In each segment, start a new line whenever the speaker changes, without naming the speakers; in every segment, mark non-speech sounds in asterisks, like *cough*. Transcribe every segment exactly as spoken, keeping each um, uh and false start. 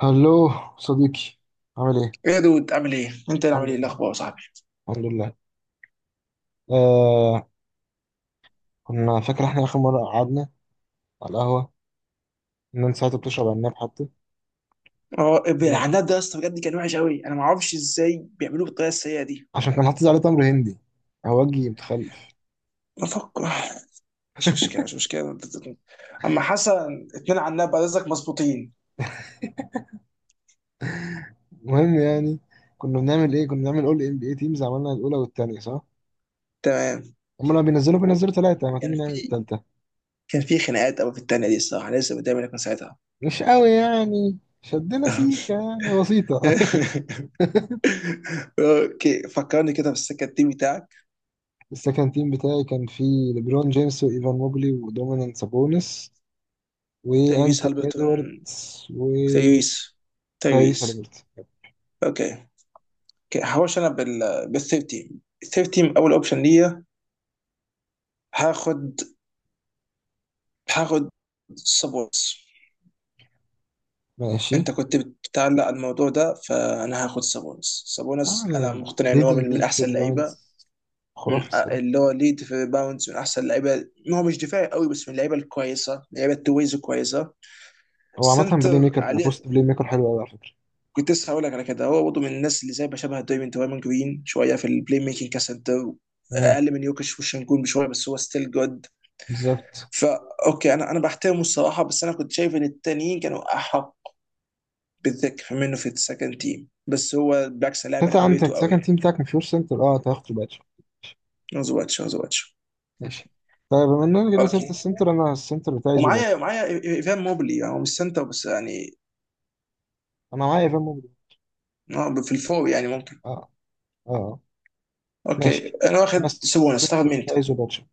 هلو صديقي، عامل ايه؟
ايه يا دود، عامل ايه؟ انت اللي عامل
الحمد
ايه؟ إيه
لله،
الاخبار يا صاحبي؟
الحمد لله. آه كنا فاكر احنا اخر مره قعدنا على القهوه ان انت ساعتها بتشرب عناب حتى.
اه،
عناب،
العناد ده يا اسطى بجد كان وحش قوي. انا ما اعرفش ازاي بيعملوه بالطريقه السيئه دي.
عشان كان حاطط عليه تمر هندي. هوجي متخلف.
بفكر. مش مشكله، مش مشكله. اما حسن اتنين عناد بعد اذنك مظبوطين.
المهم يعني، كنا بنعمل ايه كنا بنعمل اول ام بي اي تيمز، عملنا الاولى والثانيه صح.
تمام.
هم لما بينزلوا بينزلوا ثلاثه، ما تيجي
كان
نعمل
في
الثالثه.
كان في خناقات قوي في التانية دي الصراحه، أنا لسه قدامي لكن ساعتها.
مش قوي يعني، شدنا سيكه يعني
*laughs*
بسيطه.
اوكي، فكرني كده في السكه التيم بتاعك.
*laughs* السكند تيم بتاعي كان فيه ليبرون جيمس وايفان موبلي ودومينيك سابونس
تايريس
وانتوني
هالبرتون.
ادواردز وتايريس
تايريس.
هاليبرتون.
تايريس. اوكي. اوكي، هخش انا بال بال تلتاشر. تلتاشر اول اوبشن ليا. هاخد. هاخد سابونس.
ماشي.
انت كنت بتعلق الموضوع ده، فانا هاخد سابونس.
اه
سابونس انا
يعني
مقتنع ان هو
ليدنج
من, من
ليج في
احسن اللعيبه.
الريباوندز،
من
خرافي
أ-
الصراحه.
اللي هو ليد في باونز، من احسن اللعيبه. هو مش دفاعي قوي بس من اللعيبه الكويسه، لعيبه تويز كويسه.
هو عامه بلاي
سنتر
ميكر،
عليه.
بوست بلاي ميكر حلو قوي على فكره.
كنت لسه هقول لك على كده، هو برضه من الناس اللي زي بشبه دايموند دايموند جرين شويه في البلاي ميكنج كسنتر.
امم.
اقل من يوكش وشنجون بشويه بس هو ستيل جود.
بالظبط.
فا اوكي، انا انا بحترمه الصراحه بس انا كنت شايف ان التانيين كانوا احق. بالذات كمان انه في السكند تيم. بس هو بالعكس لاعب
انت
انا
عندك
بابيته قوي.
السكند تيم بتاعك مفيهوش سنتر، اه انت هتاخد باتشو.
يعني زواتش، زواتش.
ماشي. طيب بما اننا جبنا سيره
اوكي،
السنتر، انا السنتر بتاعي
ومعايا
زوباتشو.
معايا ايفان موبلي. يعني هو مش سنتر بس يعني
انا معايا ايفان موبلي.
آه، في الفور يعني ممكن.
اه اه آه.
اوكي،
ماشي،
انا
انا
واخد سوبونس.
السنتر
تاخد مين انت؟
بتاعي زوباتشو،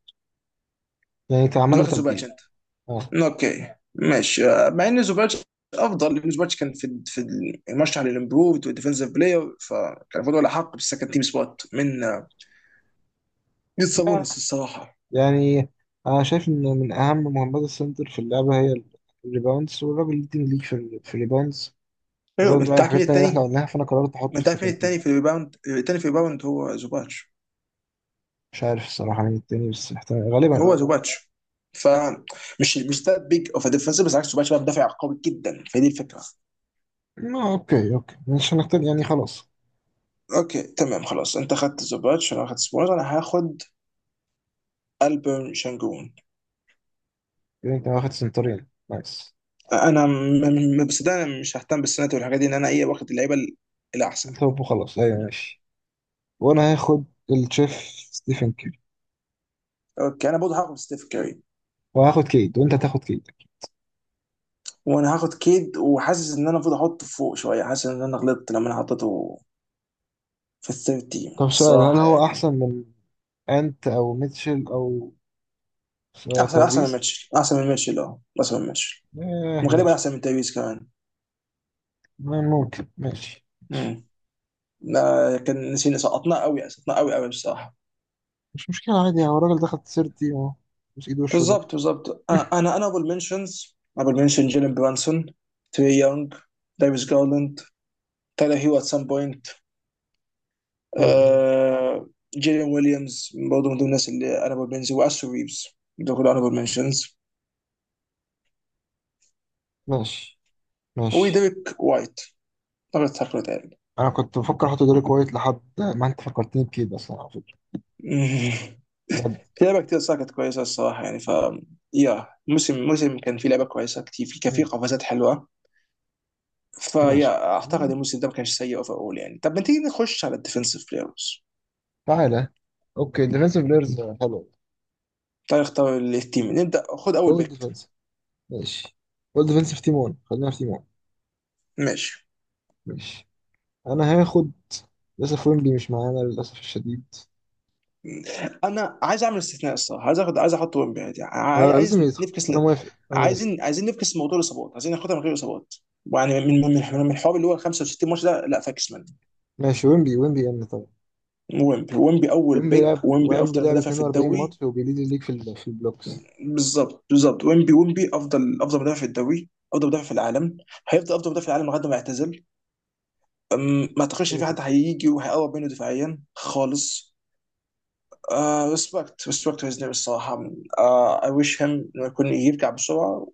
يعني انت عملنا
واخد زوباتش
تبديل.
انت.
اه.
اوكي ماشي. آه، مع ان زوباتش افضل لان زوباتش كان في في المرشح للامبروفد والديفنسيف بلاير، فكان المفروض ولا حق بالسكند تيم سبوت من آه، من سابونس الصراحه.
يعني انا شايف ان من اهم مهمات السنتر في اللعبه هي الريباوندز، والراجل ليدنج ليك في في الريباوندز،
ايوه،
غير بقى
انت عارف
الحاجات
مين
التانية اللي احنا
التاني؟
قلناها، فانا قررت احطه
انت
في
عارف
سكند
مين
تيم.
التاني في الريباوند؟ التاني في الريباوند هو زوباتش.
مش عارف الصراحه مين التاني، بس احتمال غالبا اه
هو
ممكن.
زوباتش. فمش مش ده بيج اوف ديفنس بس عكس زوباتش بقى مدافع قوي جدا، فدي الفكره.
ما اوكي اوكي، مش هنختار يعني، خلاص.
اوكي تمام خلاص، انت خدت زوباتش انا اخدت سبوز. انا هاخد البرن شانجون.
كده انت واخد سنترين، نايس.
انا م- م- بس ده انا مش ههتم بالسنات والحاجات دي. ان انا ايه واخد اللعيبه ال- الاحسن.
طب وخلاص ايوه ماشي. وانا هاخد الشيف ستيفن كيري،
اوكي، انا برضه هاخد ستيف كاري.
وهاخد كيد، وانت هتاخد كيد.
وانا هاخد كيد، وحاسس ان انا المفروض احطه فوق شويه. حاسس ان انا غلطت لما انا حطيته في الثيرد تيم
طب سؤال، هل
الصراحه
هو
يعني.
احسن من انت او ميتشل او
احسن، احسن من
تايريس؟
ميتشل. احسن من ميتشل. اه احسن من ميتشل.
آه
وغالبا
ماشي.
احسن من تايويز كمان.
ممكن، ماشي ماشي.
مم. ما كان نسينا، سقطناه قوي، سقطناه قوي قوي بصراحه.
مش مشكلة، عادي يعني. هو الراجل دخل سيرتي ومش ايد وشه ده.
بالظبط، بالظبط. آه،
*laughs*
انا انا ابل منشنز ابل منشن جيلن برانسون، تري يونغ، دايفيس جارلاند، تايلر هيو ات سام بوينت.
طيب، هيل.
جيلين ويليامز برضه من ضمن الناس اللي انا ابل منشنز، واسو ريفز. دول كلهم انا ابل منشنز.
ماشي ماشي.
وديريك وايت. طبعا تاكلوا تاني.
انا كنت بفكر احط دوري كويت لحد ما انت فكرتني بكده اصلا على فكرة،
*laughs*
بجد.
في لعبه كتير صراحه كانت كويسه الصراحه يعني ف يا موسم، موسم كان في لعبه كويسه كتير في كان في
مم.
قفزات حلوه.
ماشي.
فيا اعتقد
مم.
الموسم ده ما كانش سيء اوفر اول يعني. طب ما تيجي نخش على الديفنسيف بلايرز.
تعالى. اوكي ديفensive بلايرز حلو.
تعالى اختار التيم، نبدا، خد اول
اول
بيك.
ديفنس، ماشي. اول ديفنس في تيمون، خلينا في تيمون.
ماشي.
ماشي. انا هاخد، للاسف ويمبي مش معانا للاسف الشديد.
انا عايز اعمل استثناء الصراحه، عايز اخد، عايز احط ويمبي عادي.
انا
عاي- عايز
لازم يدخل،
نفكس
انا
ن-
موافق انا موافق.
عايزين عايزين نفكس موضوع الاصابات. عايزين ناخدها من غير اصابات. يعني من من من من الحوار اللي هو خمسة وستين ماتش ده، لا فاكس منه.
ماشي، ويمبي ويمبي ان طبعا.
ويمبي، ويمبي اول
وين
بيك.
بيلعب
ويمبي
وين
افضل
بيلعب
مدافع في
اتنين واربعين
الدوري.
ماتش، وبيليد الليج في ال- في البلوكس.
بالظبط، بالظبط. ويمبي، ويمبي افضل، افضل مدافع في الدوري، افضل مدافع في العالم. هيفضل افضل مدافع في العالم لغايه ما يعتزل. أم، ما اعتقدش ان
كده
في
كده
حد هيجي وهيقرب منه دفاعيا خالص. ريسبكت ريسبكت هيز نيم الصراحه. اي ويش هيم انه يكون يرجع بسرعه،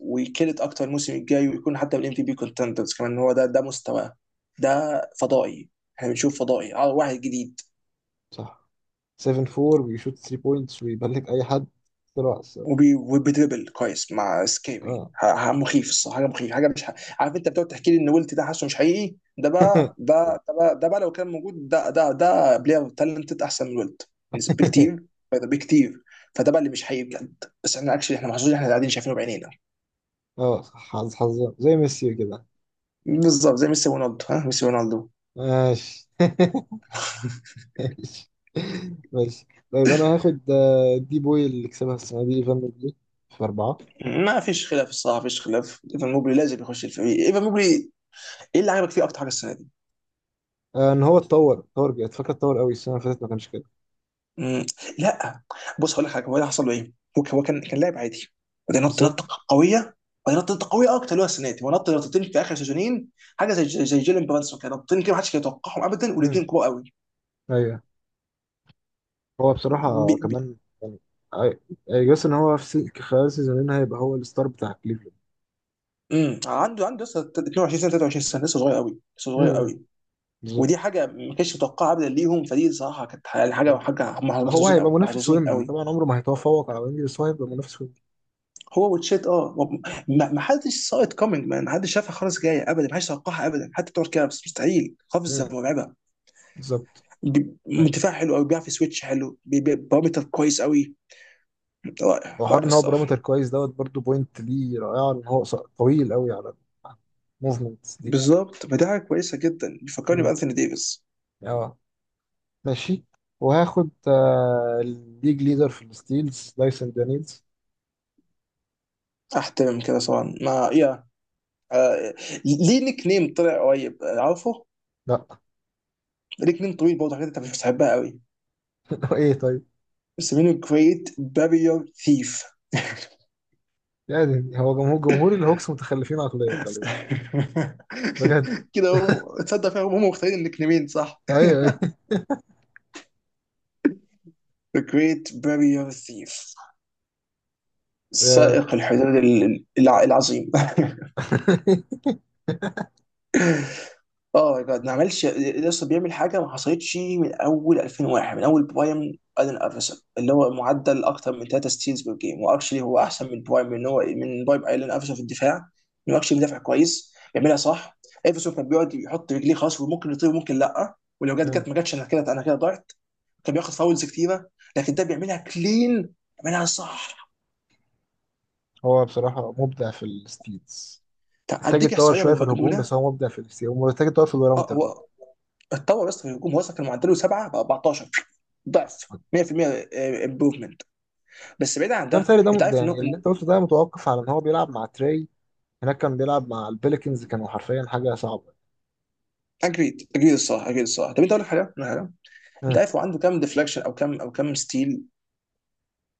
ويكلت اكتر الموسم الجاي، ويكون حتى من ام في بي كونتندرز كمان. هو ده ده مستواه. ده فضائي. احنا بنشوف فضائي آه، واحد جديد.
صح، سبعة أربع بيشوت تلاتة بوينتس ويبلك اي حد بسرعه الصراحة.
وبي- وبيدربل كويس مع سكيبي.
اه.
ح- ح- مخيف الصراحه، حاجه مخيف، حاجه مش ح... عارف انت بتقعد تحكي لي ان ويلت ده حاسه مش حقيقي. ده بقى
*laughs*
ده ده بقى ده بقى لو كان موجود ده ده ده بلاير تالنتد احسن من ويلت نسب- بكتير. فده بكتير. فده بقى اللي مش حقيقي بجد، بس احنا اكشلي احنا محظوظين، احنا قاعدين شايفينه بعينينا.
اه صح، حظ حظ زي ميسي كده.
بالظبط زي ميسي رونالدو، ها ميسي رونالدو.
ماشي. *laughs*
*laughs*
ماشي ماشي. طيب انا هاخد آه، دي بوي اللي كسبها السنه دي، ايفان دي في اربعه.
ما فيش خلاف الصراحه، ما فيش خلاف. ايفان موبلي لازم يخش الفريق. ايفان موبلي، ايه اللي عجبك فيه اكتر حاجه السنه دي؟
آه، ان هو اتطور، اتطور جامد فاكر، اتطور قوي السنه اللي فاتت ما كانش كده.
مم. لا. بص هقول لك حاجه، هو ده حصل له ايه؟ هو هو كان كان لاعب عادي. وبعدين نط
بالظبط.
نطه قويه. وبعدين نط نطه قويه اكتر، اللي هو السنه دي هو نط نطتين في اخر سيزونين. حاجه زي زي جيلن برانسون كده، نطتين كده محدش كان يتوقعهم ابدا،
مم.
والاثنين كبار قوي.
ايوه. هو
بي
بصراحة
بي
كمان يعني، جاس ان هو في سي- خلال سيزونين هيبقى هو الستار بتاع كليفلاند.
مم. عنده عنده لسه اتنين وعشرين سنه، تلاتة وعشرين سنه، لسه صغير قوي. لسه صغير
مم.
قوي. ودي
بالظبط.
حاجه ما كانتش متوقعه ابدا ليهم، فدي صراحه كانت يعني حاجه،
يعني
حاجه هم
هو
محظوظين
هيبقى
قوي،
منافس
محظوظين
ويمبي،
قوي.
طبعا عمره ما هيتفوق على ويمبي، بس هو هيبقى منافس ويمبي.
هو وتشيت اه. ما ما حدش ساق ات كومينج مان، ما حدش شافها خالص جايه ابدا، ما حدش توقعها ابدا حتى بتوع الكابس. مستحيل، قفزه
مم.
مرعبه.
بالظبط.
ب-
ماشي.
دفاع حلو قوي، بيعرف يسويتش حلو، بي- بي- بارامتر كويس قوي. رائع،
وحوار
رائع
ان هو
الصراحه.
بارامتر كويس دوت برضو، بوينت ليه رائعة، ان هو قص- طويل قوي على الموفمنتس دي.
بالظبط، فدي حاجه كويسه جدا، بيفكرني
مم.
بانثوني ديفيس.
اه ماشي. وهاخد آه، الليج ليدر في الستيلز دايسون دانيلز.
احترم كده طبعا، ما يا. آه، ليه نيك نيم طلع قريب؟ آه، عارفه،
لا.
نيك نيم طويل برضه حاجات انت مش بتحبها قوي.
*laughs* ايه طيب.
بس منه جريت بارير ثيف.
يعني هو جمهور، جمهور الهوكس متخلفين عقليا غالبا. بجد،
*laughs* كده هو تصدق فيها، هم مختارين النيك نيمين صح.
ايوه
The Great Barrier Reef.
ايوه.
سائق الحدود ال- الع- العظيم. *laughs* اه، ده ما عملش لسه. بيعمل حاجه ما حصلتش من اول الفين وواحد، من اول برايم ادن افرسون. اللي هو معدل اكتر من تلات ستيلز بير جيم، واكشلي هو احسن من برايم، من هو من برايم ايلان افرسون في الدفاع. انه اكشلي بيدافع كويس، بيعملها صح. افرسون كان بيقعد يحط رجليه خلاص، وممكن يطير، وممكن لا، ولو جت جت ما
*laughs*
جاتش انا كده انا كده ضعت. كان بياخد فاولز كتيره. لكن ده بيعملها كلين. بيعملها صح.
هو بصراحة مبدع في الستيتس،
طب
محتاج
اديك
يتطور
احصائيه
شوية في الهجوم،
مجنونه.
بس هو مبدع في الستيتس، ومحتاج يتطور في
اه،
البارامتر برضه.
هو اتطور بس في الهجوم. وصل كان معدله سبعة ب اربعة عشر، ضعف. مية في المية امبروفمنت. بس بعيد عن
ده
ده،
بيتهيألي، ده
انت
ده
عارف انه،
يعني اللي انت قلته ده متوقف على ان هو بيلعب مع تري. هناك كان بيلعب مع البليكنز، كانوا حرفيا حاجة صعبة.
اجريد، اجريد الصراحه. اجريد الصراحه. طب انت اقول لك حاجه، أقول لك حاجة. انت
أه.
عارف هو عنده كام ديفلكشن او كام او كام ستيل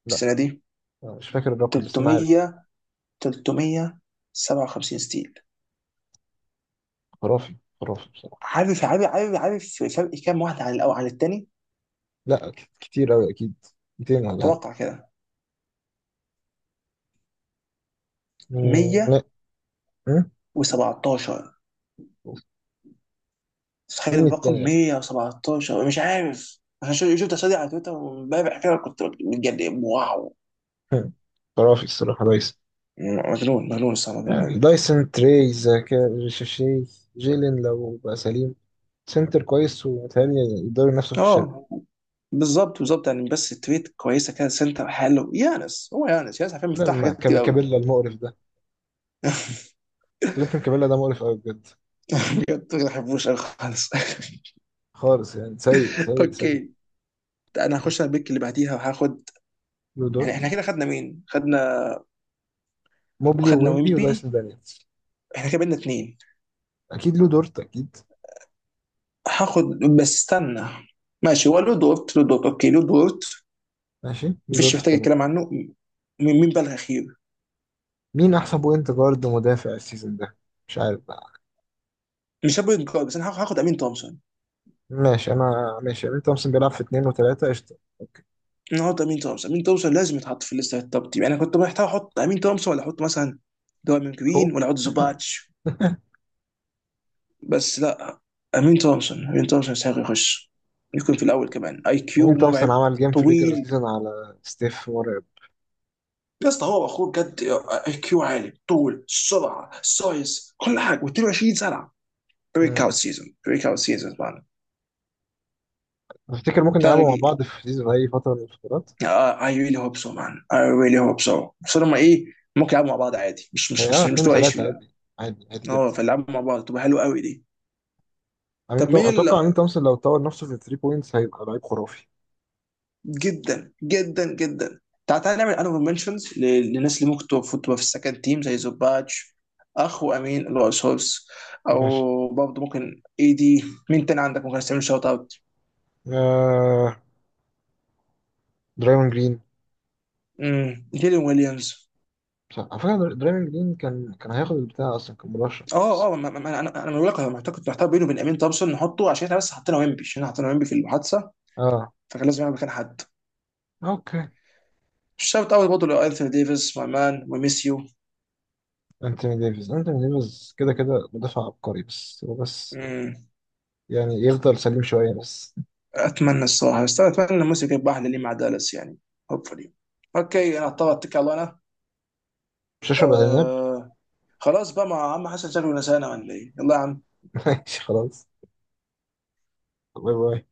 لا
السنه دي؟
أنا مش فاكر الرقم، بس انا عارف.
تلتمية. تلتمية وسبعة وخمسين ستيل.
خرافي خرافي بصراحة.
عارف عارف عارف عارف فرق كام واحد عن الاول عن التاني.
لا، ك- كتير قوي اكيد. ميتين ولا حاجة.
توقع كده.
مم، لا. أه؟
مية وسبعتاشر. تخيل
مين
الرقم،
التاني أصلاً؟
مئة وسبعة عشر. مش عارف انا شو- شفت الأسئلة دي على تويتر وامبارح كده كنت متجنن. واو.
*laughs* أه. خرافي الصراحة ريس.
مجنون مجنون الصراحة، مجنون
يعني
قوي.
دايسون تريز، ريشيشي، جيلين لو بقى سليم، سنتر كويس، ومتهيألي يقدروا ينافسوا في الشرق.
اه، بالظبط، بالظبط يعني، بس تويت كويسه كده. سنتر حلو يانس، هو يانس، يانس عارفين
لا،
مفتاح
ما
حاجات كتير
كاب-
قوي.
كابيلا المقرف ده.
*laughs*
كلينتون كابيلا ده مقرف قوي بجد.
بجد، ما بحبوش قوي خالص.
خالص، يعني سيء
*laughs*
سيء سيء.
اوكي، انا
ماشي.
هخش على البيك اللي بعديها وهاخد.
لو
احنا احنا
دورت،
كده خدنا مين؟ خدنا
موبلي
وخدنا
وويمبي
ويمبي.
ودايسون دانيels.
احنا كده بقينا اتنين.
اكيد لو دورت اكيد.
هاخد، بس استنى. ماشي، هو لود وورت، لود وورت. اوكي، لود وورت.
ماشي، لو
مفيش
دورت في
محتاج
ثلاثة.
الكلام عنه. مين مين بقى الاخير.
مين احسن بوينت جارد مدافع السيزون ده؟ مش عارف بقى.
مش هاخد انكار، بس انا هاخد امين تومسون.
ماشي، انا ماشي، امين تومسون بيلعب في اتنين وتلاتة قشطة.
انا هاخد امين تومسون. امين تومسون لازم يتحط في الليسته التوب تيم يعني. انا كنت محتاج احط امين تومسون، ولا احط مثلا دوامين
هو
جرين، ولا احط زوباتش. بس لا. امين تومسون، امين تومسون يستحق يخش، يكون في الاول كمان. اي كيو
امين تومسون
مرعب.
عمل جيم في الريجر
طويل.
سيزون على ستيف، مرعب.
يا اسطى، هو اخوه بجد. اي كيو عالي، طول، سرعه، سايز، كل حاجه و22 سنه. بريك اوت سيزون، بريك اوت سيزون طبعا.
افتكر ممكن
ده
نلعبه مع بعض في سيزون، في اي فتره من الفترات.
اي ريلي هوب سو مان. اي ريلي هوب سو بس هما ايه. ممكن يلعبوا مع بعض عادي، مش مش
هي اه
مش مش
اتنين
تبقى ايشيو،
وثلاثه
لا.
عادي، عادي عادي
اه،
جدا.
فيلعبوا مع بعض تبقى حلوه قوي دي.
امين
طب
توم...
مين. ال...
اتوقع امين تومسون لو طور نفسه في تلاتة بوينتس هيبقى لعيب خرافي.
جدا جدا جدا. تعال تعال نعمل انوفر منشنز للناس اللي ممكن تبقى تبقى في السكند تيم زي زوباتش. اخو امين اللي هو سولس.
ماشي.
او برضه ممكن اي دي. مين تاني عندك ممكن تعمل شوت اوت؟
آه... درايمون جرين.
امم جيلين ويليامز.
صح على فكره، در- درايمون جرين كان كان هياخد البتاع اصلا، كان مرشح بس.
اه اه، ما- ما- انا انا أنا بقول لك انا محتاج، كنت محتار بينه وبين امين تومسون نحطه، عشان احنا بس حطينا ويمبي، عشان احنا حطينا ويمبي في المحادثه.
اه
فكان لازم يعمل مكان حد.
اوكي.
شوت اوت برضه لانثوني ديفيس، ماي مان وي ميس يو.
انتوني ديفيز، انتوني ديفيز كده كده مدافع عبقري، بس هو بس
مم.
يعني يفضل سليم شويه بس.
اتمنى الصراحه، بس أنا اتمنى الموسم يكون باحلى لي مع دالاس يعني، هوبفلي. اوكي، انا اضطر اتكل على انا.
مش هشرب عناب.
آه. خلاص بقى، ما عم حسن شكله نسانا ولا ايه، يلا يا عم.
*laughs* ماشي خلاص، باي باي.